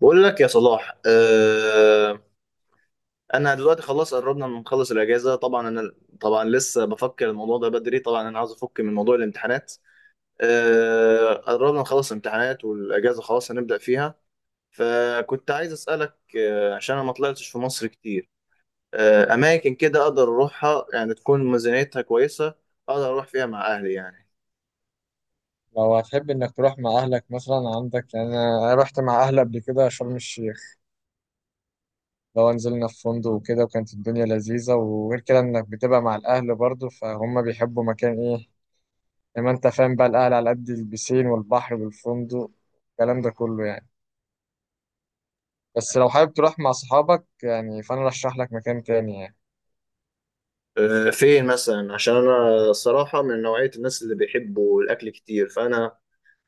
بقول لك يا صلاح، آه. انا دلوقتي خلاص قربنا من نخلص الاجازه. طبعا لسه بفكر الموضوع ده بدري. طبعا انا عاوز افك من موضوع الامتحانات. آه، قربنا نخلص الامتحانات والاجازه خلاص هنبدا فيها. فكنت عايز اسالك، عشان انا ما طلعتش في مصر كتير، اماكن كده اقدر اروحها يعني تكون ميزانيتها كويسه، اقدر اروح فيها مع اهلي يعني. لو هتحب انك تروح مع اهلك مثلا عندك يعني انا رحت مع اهلي قبل كده شرم الشيخ. لو نزلنا في فندق وكده وكانت الدنيا لذيذة، وغير كده انك بتبقى مع الاهل برضو فهم بيحبوا مكان ايه. لما انت فاهم بقى الاهل على قد البسين والبحر والفندق الكلام ده كله يعني. بس لو حابب تروح مع صحابك يعني فانا رشح لك مكان تاني يعني. آه، فين مثلا؟ عشان انا الصراحه من نوعيه الناس اللي بيحبوا الاكل كتير، فانا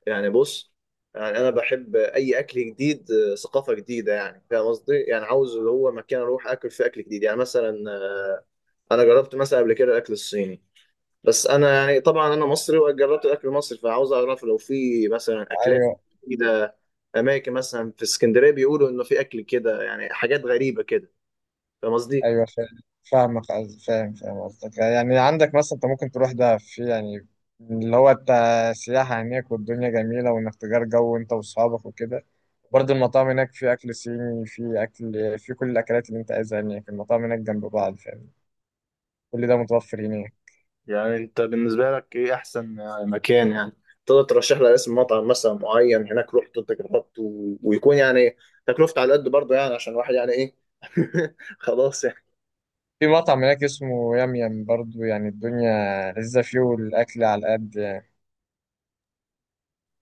يعني بص، يعني انا بحب اي اكل جديد، ثقافه جديده، يعني فاهم قصدي؟ يعني عاوز اللي هو مكان اروح اكل فيه اكل جديد، يعني مثلا انا جربت مثلا قبل كده الاكل الصيني، بس انا يعني طبعا انا مصري وجربت الاكل المصري، فعاوز اعرف لو في مثلا اكلات ايوه. جديده. اماكن مثلا في اسكندريه بيقولوا انه في اكل كده، يعني حاجات غريبه كده، فاهم قصدي؟ ايوه. فاهم قصدك، يعني عندك مثلا انت ممكن تروح ده في يعني اللي هو انت سياحة هناك، والدنيا جميلة، وانك تجار جو انت واصحابك وكده. برضه المطاعم هناك في اكل صيني، في اكل، في كل الاكلات اللي انت عايزها هناك. المطاعم هناك جنب بعض، فاهم؟ كل ده متوفر هناك. يعني انت بالنسبه لك ايه احسن يعني مكان يعني؟ تقدر ترشح لي اسم مطعم مثلا معين هناك رحت انت جربت ويكون يعني تكلفته على قد برضه، يعني عشان الواحد يعني ايه، خلاص يعني. في مطعم هناك اسمه يام يام، برضه يعني الدنيا لذيذة فيه والاكل على قد يعني.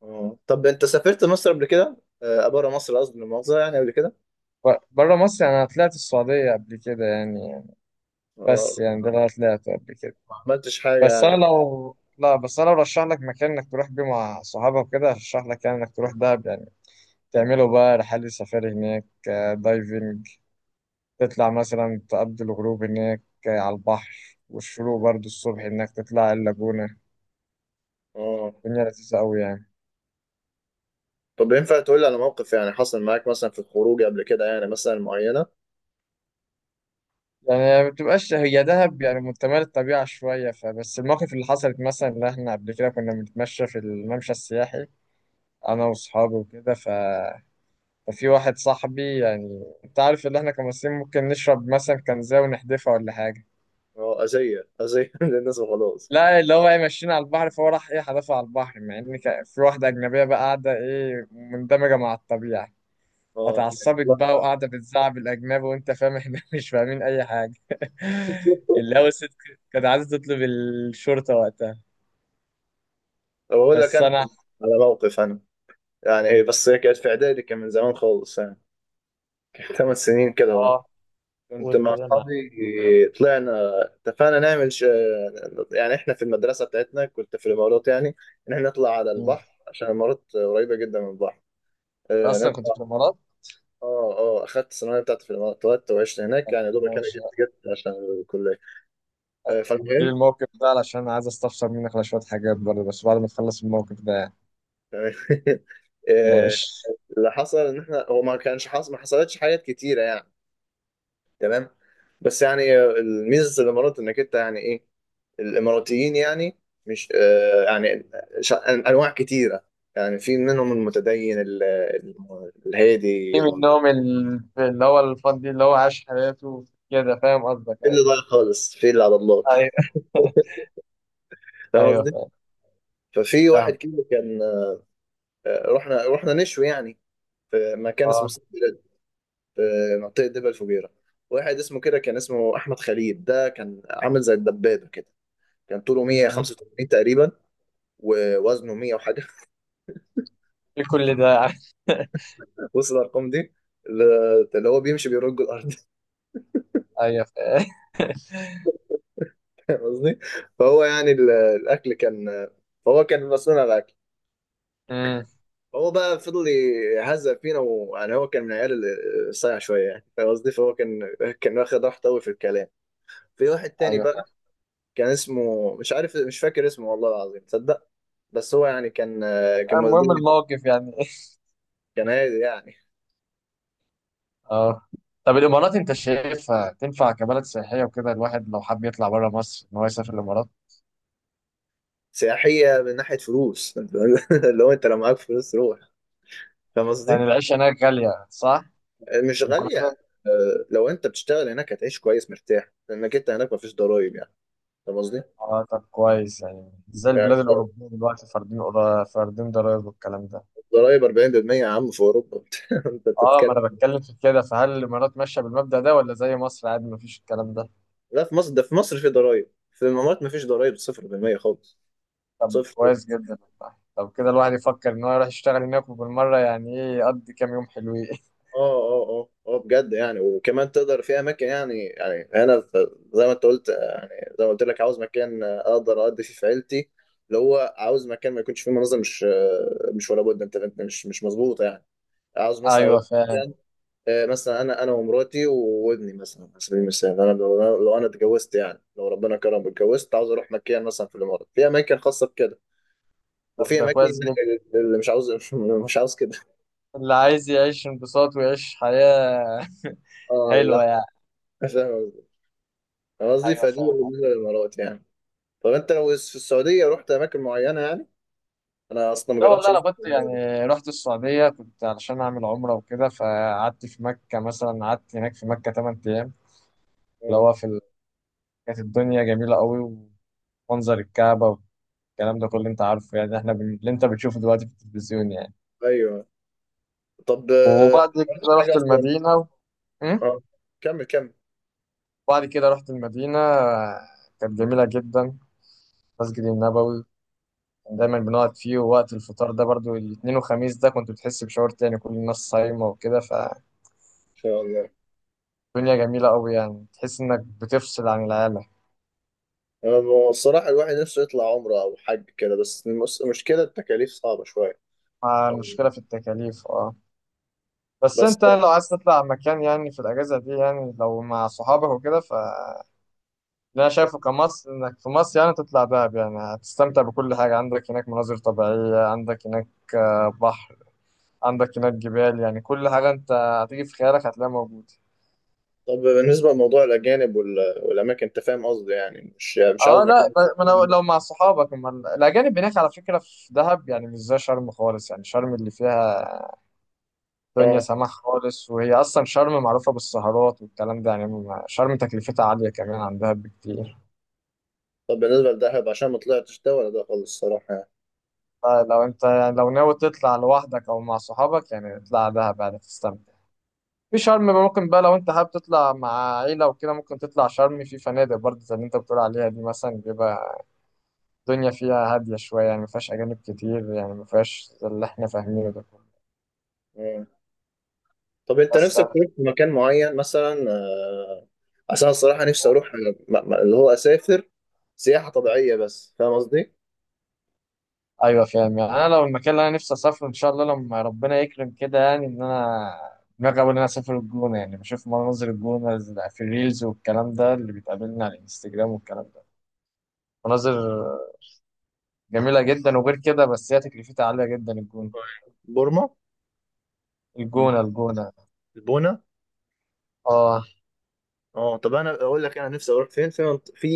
اه. طب انت سافرت مصر قبل كده، آه بره مصر قصدي، المؤاخذه، يعني قبل كده؟ بره مصر يعني انا طلعت السعودية قبل كده يعني. اه، بس يعني ده اللي انا طلعته قبل كده. ما عملتش حاجه بس يعني. انا لو لا بس انا برشح لك مكان انك تروح بيه مع صحابك كده. ارشح لك يعني انك تروح دهب يعني. تعملوا بقى رحلة سفاري هناك، دايفنج. تطلع مثلا تقضي الغروب هناك، على البحر، والشروق برضو الصبح انك تطلع اللاجونة. اه، الدنيا لذيذة قوي يعني. طب ينفع تقول لي على موقف يعني حصل معاك مثلا في الخروج قبل كده، يعني مثلا معينه؟ يعني ما بتبقاش هي دهب يعني متمال الطبيعة شوية. فبس المواقف اللي حصلت مثلا اللي احنا قبل كده كنا بنتمشى في الممشى السياحي انا واصحابي وكده. ف ففي واحد صاحبي، يعني انت عارف ان احنا كمصريين ممكن نشرب مثلا كنزة ونحدفها ولا حاجة. اه، اذيه اذيه للناس وخلاص. لا، اللي هو ايه، ماشيين على البحر، فهو راح ايه حدفها على البحر، مع ان في واحدة أجنبية بقى قاعدة ايه مندمجة مع الطبيعة. اه فتعصبت بقى وقاعدة بتزعق الأجنبي، وأنت فاهم احنا مش فاهمين أي حاجة اللي هو الست كانت عايزة تطلب الشرطة وقتها. بقول لك بس انا أنا. على موقف انا، يعني هي هي كانت في اعدادي، كان من زمان خالص يعني، كان ثمان سنين كده ورا. اه. كنت قول مع كده معاك. اصحابي طلعنا، اتفقنا نعمل يعني احنا في المدرسه بتاعتنا، كنت في الامارات يعني، ان احنا نطلع على البحر عشان الامارات قريبه جدا من البحر. أنت آه، أصلا كنت في نطلع. اه اه، اخدت الثانويه بتاعتي في الامارات، اتولدت وعشت هناك يعني، دوبك انا جيت الإمارات؟ جيت عشان الكليه. آه، في فالمهم. الموقف ده علشان عايز استفسر منك على شوية حاجات برضه، بس بعد ما تخلص الموقف ده يعني. تمام. آه، ماشي. اللي حصل ان احنا هو ما كانش حصل، ما حصلتش حاجات كتيره يعني. تمام. بس يعني آه، الميزه في الامارات انك انت يعني ايه، الاماراتيين يعني، مش آه، يعني انواع كتيره. يعني في منهم المتدين في الهادي، منهم اللي هو الفان دي اللي هو عاش حياته كده، فاهم قصدك؟ في اللي ايوه. ضايع خالص، في اللي على الله، ايوه. فاهم ايوه قصدي. فاهم. ففي واحد فاهم. كده كان، آه، رحنا نشوي يعني في مكان اسمه اه. سيد بلاد، في منطقه دبا الفجيره. واحد اسمه كده، كان اسمه احمد خليل، ده كان عامل زي الدبابه كده. كان طوله مم. 185 تقريبا ووزنه 100 وحاجه. في كل ده يعني. وصل الارقام دي، اللي اللي هو بيمشي بيرج الارض، ايوه فاهم. فاهم قصدي؟ فهو يعني الاكل كان، فهو كان مسؤول عن الاكل. مم. هو بقى فضل يهزأ فينا، ويعني هو كان من العيال اللي صايع شويه يعني، فاهم قصدي؟ فهو كان واخد راحته قوي في الكلام. في واحد تاني ايوه فاهم. بقى كان اسمه، مش عارف مش فاكر اسمه والله العظيم تصدق، بس هو يعني كان المهم مزدوج، الموقف يعني. كان هادي يعني. اه. طب الامارات انت شايفها تنفع كبلد سياحيه وكده الواحد لو حب يطلع بره مصر ان هو يسافر الامارات؟ سياحيه من ناحيه فلوس. اللي هو انت لو معاك فلوس روح، فاهم يعني قصدي. العيشه هناك غاليه، صح؟ مش غاليه. مقارنه. آه، لو انت بتشتغل هناك هتعيش كويس مرتاح، لانك انت هناك مفيش ضرايب يعني، فاهم قصدي؟ اه طب كويس، يعني زي البلاد يعني الأوروبية دلوقتي فاردين فاردين ضرايب والكلام ده. ضرايب 40% يا عم في اوروبا. انت اه ما بتتكلم. انا بتكلم في كده. فهل الامارات ماشيه بالمبدأ ده ولا زي مصر عادي ما فيش الكلام ده؟ لا في مصر، ده في مصر في ضرايب، في الامارات ما فيش ضرايب، 0% خالص. طب صفر. كويس جدا والله. طب كده الواحد يفكر ان هو يروح يشتغل هناك، وبالمره يعني ايه يقضي كام يوم حلوين. اه اه اه اه، بجد يعني. وكمان تقدر في اماكن يعني، يعني هنا زي ما انت قلت، يعني زي ما قلت لك، عاوز مكان اقدر اقضي فيه في عيلتي، اللي هو عاوز مكان ما يكونش فيه مناظر، مش ولا بد. انت انت مش مظبوطه يعني. عاوز مثلا ايوه فاهم. آه، مثلا انا ومراتي وابني، مثلا على سبيل المثال انا لو، لو انا اتجوزت يعني، لو ربنا كرم اتجوزت، عاوز اروح مكان مثلا في الامارات. في اماكن خاصه بكده، طب وفي ده اماكن كويس جدا. اللي مش عاوز مش عاوز كده. اللي عايز يعيش انبساط ويعيش حياه اه لا. حلوه يعني. فاهم قصدي. أنا قصدي ايوه فدي فاهم. بالنسبه للامارات يعني. طب انت لو في السعوديه رحت اماكن معينه يعني؟ انا اصلا ما لا جربتش والله أروح انا كنت السعودية. يعني رحت السعوديه كنت علشان اعمل عمره وكده. فقعدت في مكه مثلا، قعدت هناك في مكه 8 ايام. اللي اه. هو في ال... كانت الدنيا جميلة قوي. ومنظر الكعبة والكلام ده كله انت عارفه، يعني احنا بن... اللي انت بتشوفه دلوقتي في التلفزيون يعني. ايوه. طب آه، وبعد ما عملتش كده حاجه رحت اصلا؟ المدينة و... م؟ اه، كمل كمل. ان بعد كده رحت المدينة. كانت جميلة جدا. المسجد النبوي كان دايما بنقعد فيه، ووقت الفطار ده برضو الاثنين وخميس ده كنت بتحس بشعور تاني، كل الناس صايمة وكده، فالدنيا شاء الله. جميلة قوي يعني. تحس انك بتفصل عن العالم. أنا الصراحة الواحد نفسه يطلع عمرة أو حج كده، بس المشكلة التكاليف صعبة شوية. مع المشكلة في التكاليف، اه. بس بس انت لو عايز تطلع مكان يعني في الاجازه دي يعني لو مع صحابك وكده، فاللي انا شايفه كمصر انك في مصر يعني تطلع دهب. يعني هتستمتع بكل حاجه، عندك هناك مناظر طبيعيه، عندك هناك بحر، عندك هناك جبال، يعني كل حاجه انت هتيجي في خيالك هتلاقيها موجوده. طب بالنسبة لموضوع الأجانب والأماكن، أنت فاهم قصدي، يعني مش مش عاوز اه لا، مكان يكون ما انا فيه. لو مع صحابك. اما الاجانب هناك على فكره في دهب يعني مش زي شرم خالص. يعني شرم اللي فيها دنيا أه. سماح خالص، وهي اصلا شرم معروفه بالسهرات والكلام ده يعني. شرم تكلفتها عاليه كمان عن دهب بكتير. طب بالنسبة لدهب، عشان ما طلعتش ده ولا ده خالص الصراحة يعني. لو انت لو ناوي تطلع لوحدك او مع صحابك يعني اطلع دهب يعني تستمتع. في شرم بقى ممكن بقى لو انت حابب تطلع مع عيلة وكده ممكن تطلع شرم في فنادق برضه زي اللي انت بتقول عليها دي مثلا. بيبقى الدنيا فيها هادية شوية يعني، ما فيهاش أجانب كتير، يعني ما فيهاش زي اللي احنا فاهمينه ده كله. أه. طب أنت بس نفسك أنا- تروح في مكان معين مثلا آه، عشان الصراحة نفسي أروح آه، اللي هو أسافر سياحة طبيعية بس، فاهم قصدي؟ أيوة فاهم. يعني أنا لو المكان اللي أنا نفسي أسافره إن شاء الله لما ربنا يكرم كده، يعني إن أنا دماغي أوي إن أنا أسافر الجونة. يعني بشوف مناظر الجونة في الريلز والكلام ده اللي بيتقابلنا على الانستجرام والكلام ده. مناظر جميلة جدا وغير كده، بس هي تكلفتها عالية جدا الجونة. بورما. الجونة. الجونة. البونة. اه. اه، طب انا اقول لك انا نفسي اروح فين، في في،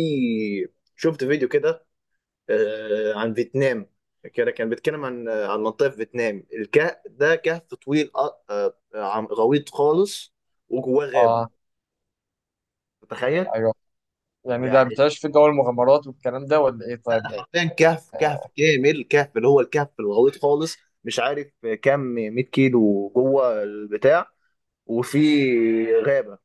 شفت فيديو كده آه، عن فيتنام. كده كان بيتكلم عن آه، عن منطقه في فيتنام. الكهف ده كهف طويل آه، آه، غويط خالص، وجواه غابه، اه. تخيل. ايوه يعني ده يعني بتعيش في جو المغامرات والكلام ده ولا ايه، ده طيب؟ حرفيا كهف، كهف كامل كهف اللي هو الكهف الغويط خالص. مش عارف كام، 100 كيلو جوه البتاع، وفي غابه.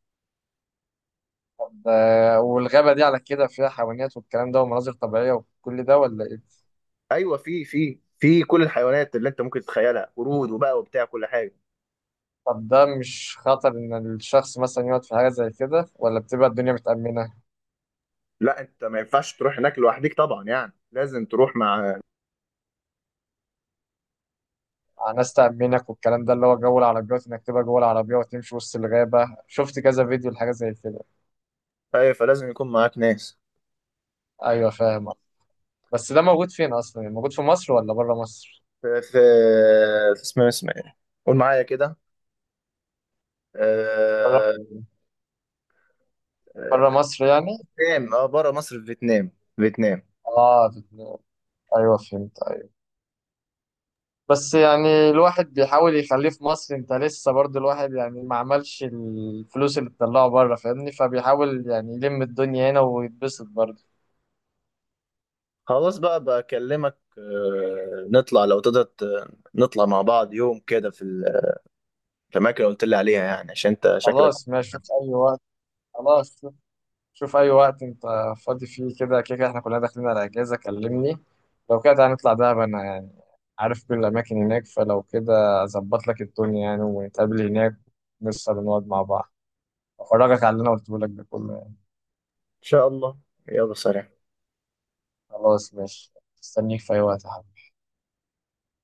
طب والغابة دي على كده فيها حيوانات والكلام ده ومناظر طبيعية وكل ده ولا ايه؟ ايوه، في في كل الحيوانات اللي انت ممكن تتخيلها، قرود وبقى وبتاع كل حاجه. طب ده مش خطر ان الشخص مثلا يقعد في حاجة زي كده، ولا بتبقى الدنيا متأمنة؟ لا انت ما ينفعش تروح هناك لوحدك طبعا يعني، لازم تروح مع، ناس تأمنك والكلام ده، اللي هو جو العربيات انك تبقى جوه العربية وتمشي وسط الغابة. شفت كذا فيديو لحاجة زي كده. ايوه فلازم يكون معاك ناس. ايوه فاهم. بس ده موجود فين اصلا؟ يعني موجود في مصر ولا بره مصر؟ في في اسمه، اسمه ايه، قول معايا كده، آه، بره آه، مصر يعني. فيتنام. اه بره مصر، في فيتنام، فيتنام. اه في اتنين. ايوه فهمت. ايوه. بس يعني الواحد بيحاول يخليه في مصر، انت لسه برضه الواحد يعني ما عملش الفلوس اللي بتطلعه بره فاهمني، فبيحاول يعني يلم الدنيا هنا ويتبسط برضه. خلاص بقى، بكلمك آه، نطلع لو تقدر نطلع مع بعض يوم كده في في الاماكن اللي قلت لي عليها يعني، عشان انت شكلك. خلاص ان ماشي، شوف اي وقت. خلاص شوف. شوف اي وقت انت فاضي فيه. كده كده كده احنا كلنا داخلين على اجازه، كلمني. لو كده هنطلع دهب انا يعني عارف كل الاماكن هناك، فلو كده اظبط لك الدنيا يعني ونتقابل هناك. نسهر ونقعد مع بعض. افرجك على اللي انا قلته لك ده كله. شاء الله. يلا سلام. خلاص ماشي. استنيك في أي وقت يا حبيبي.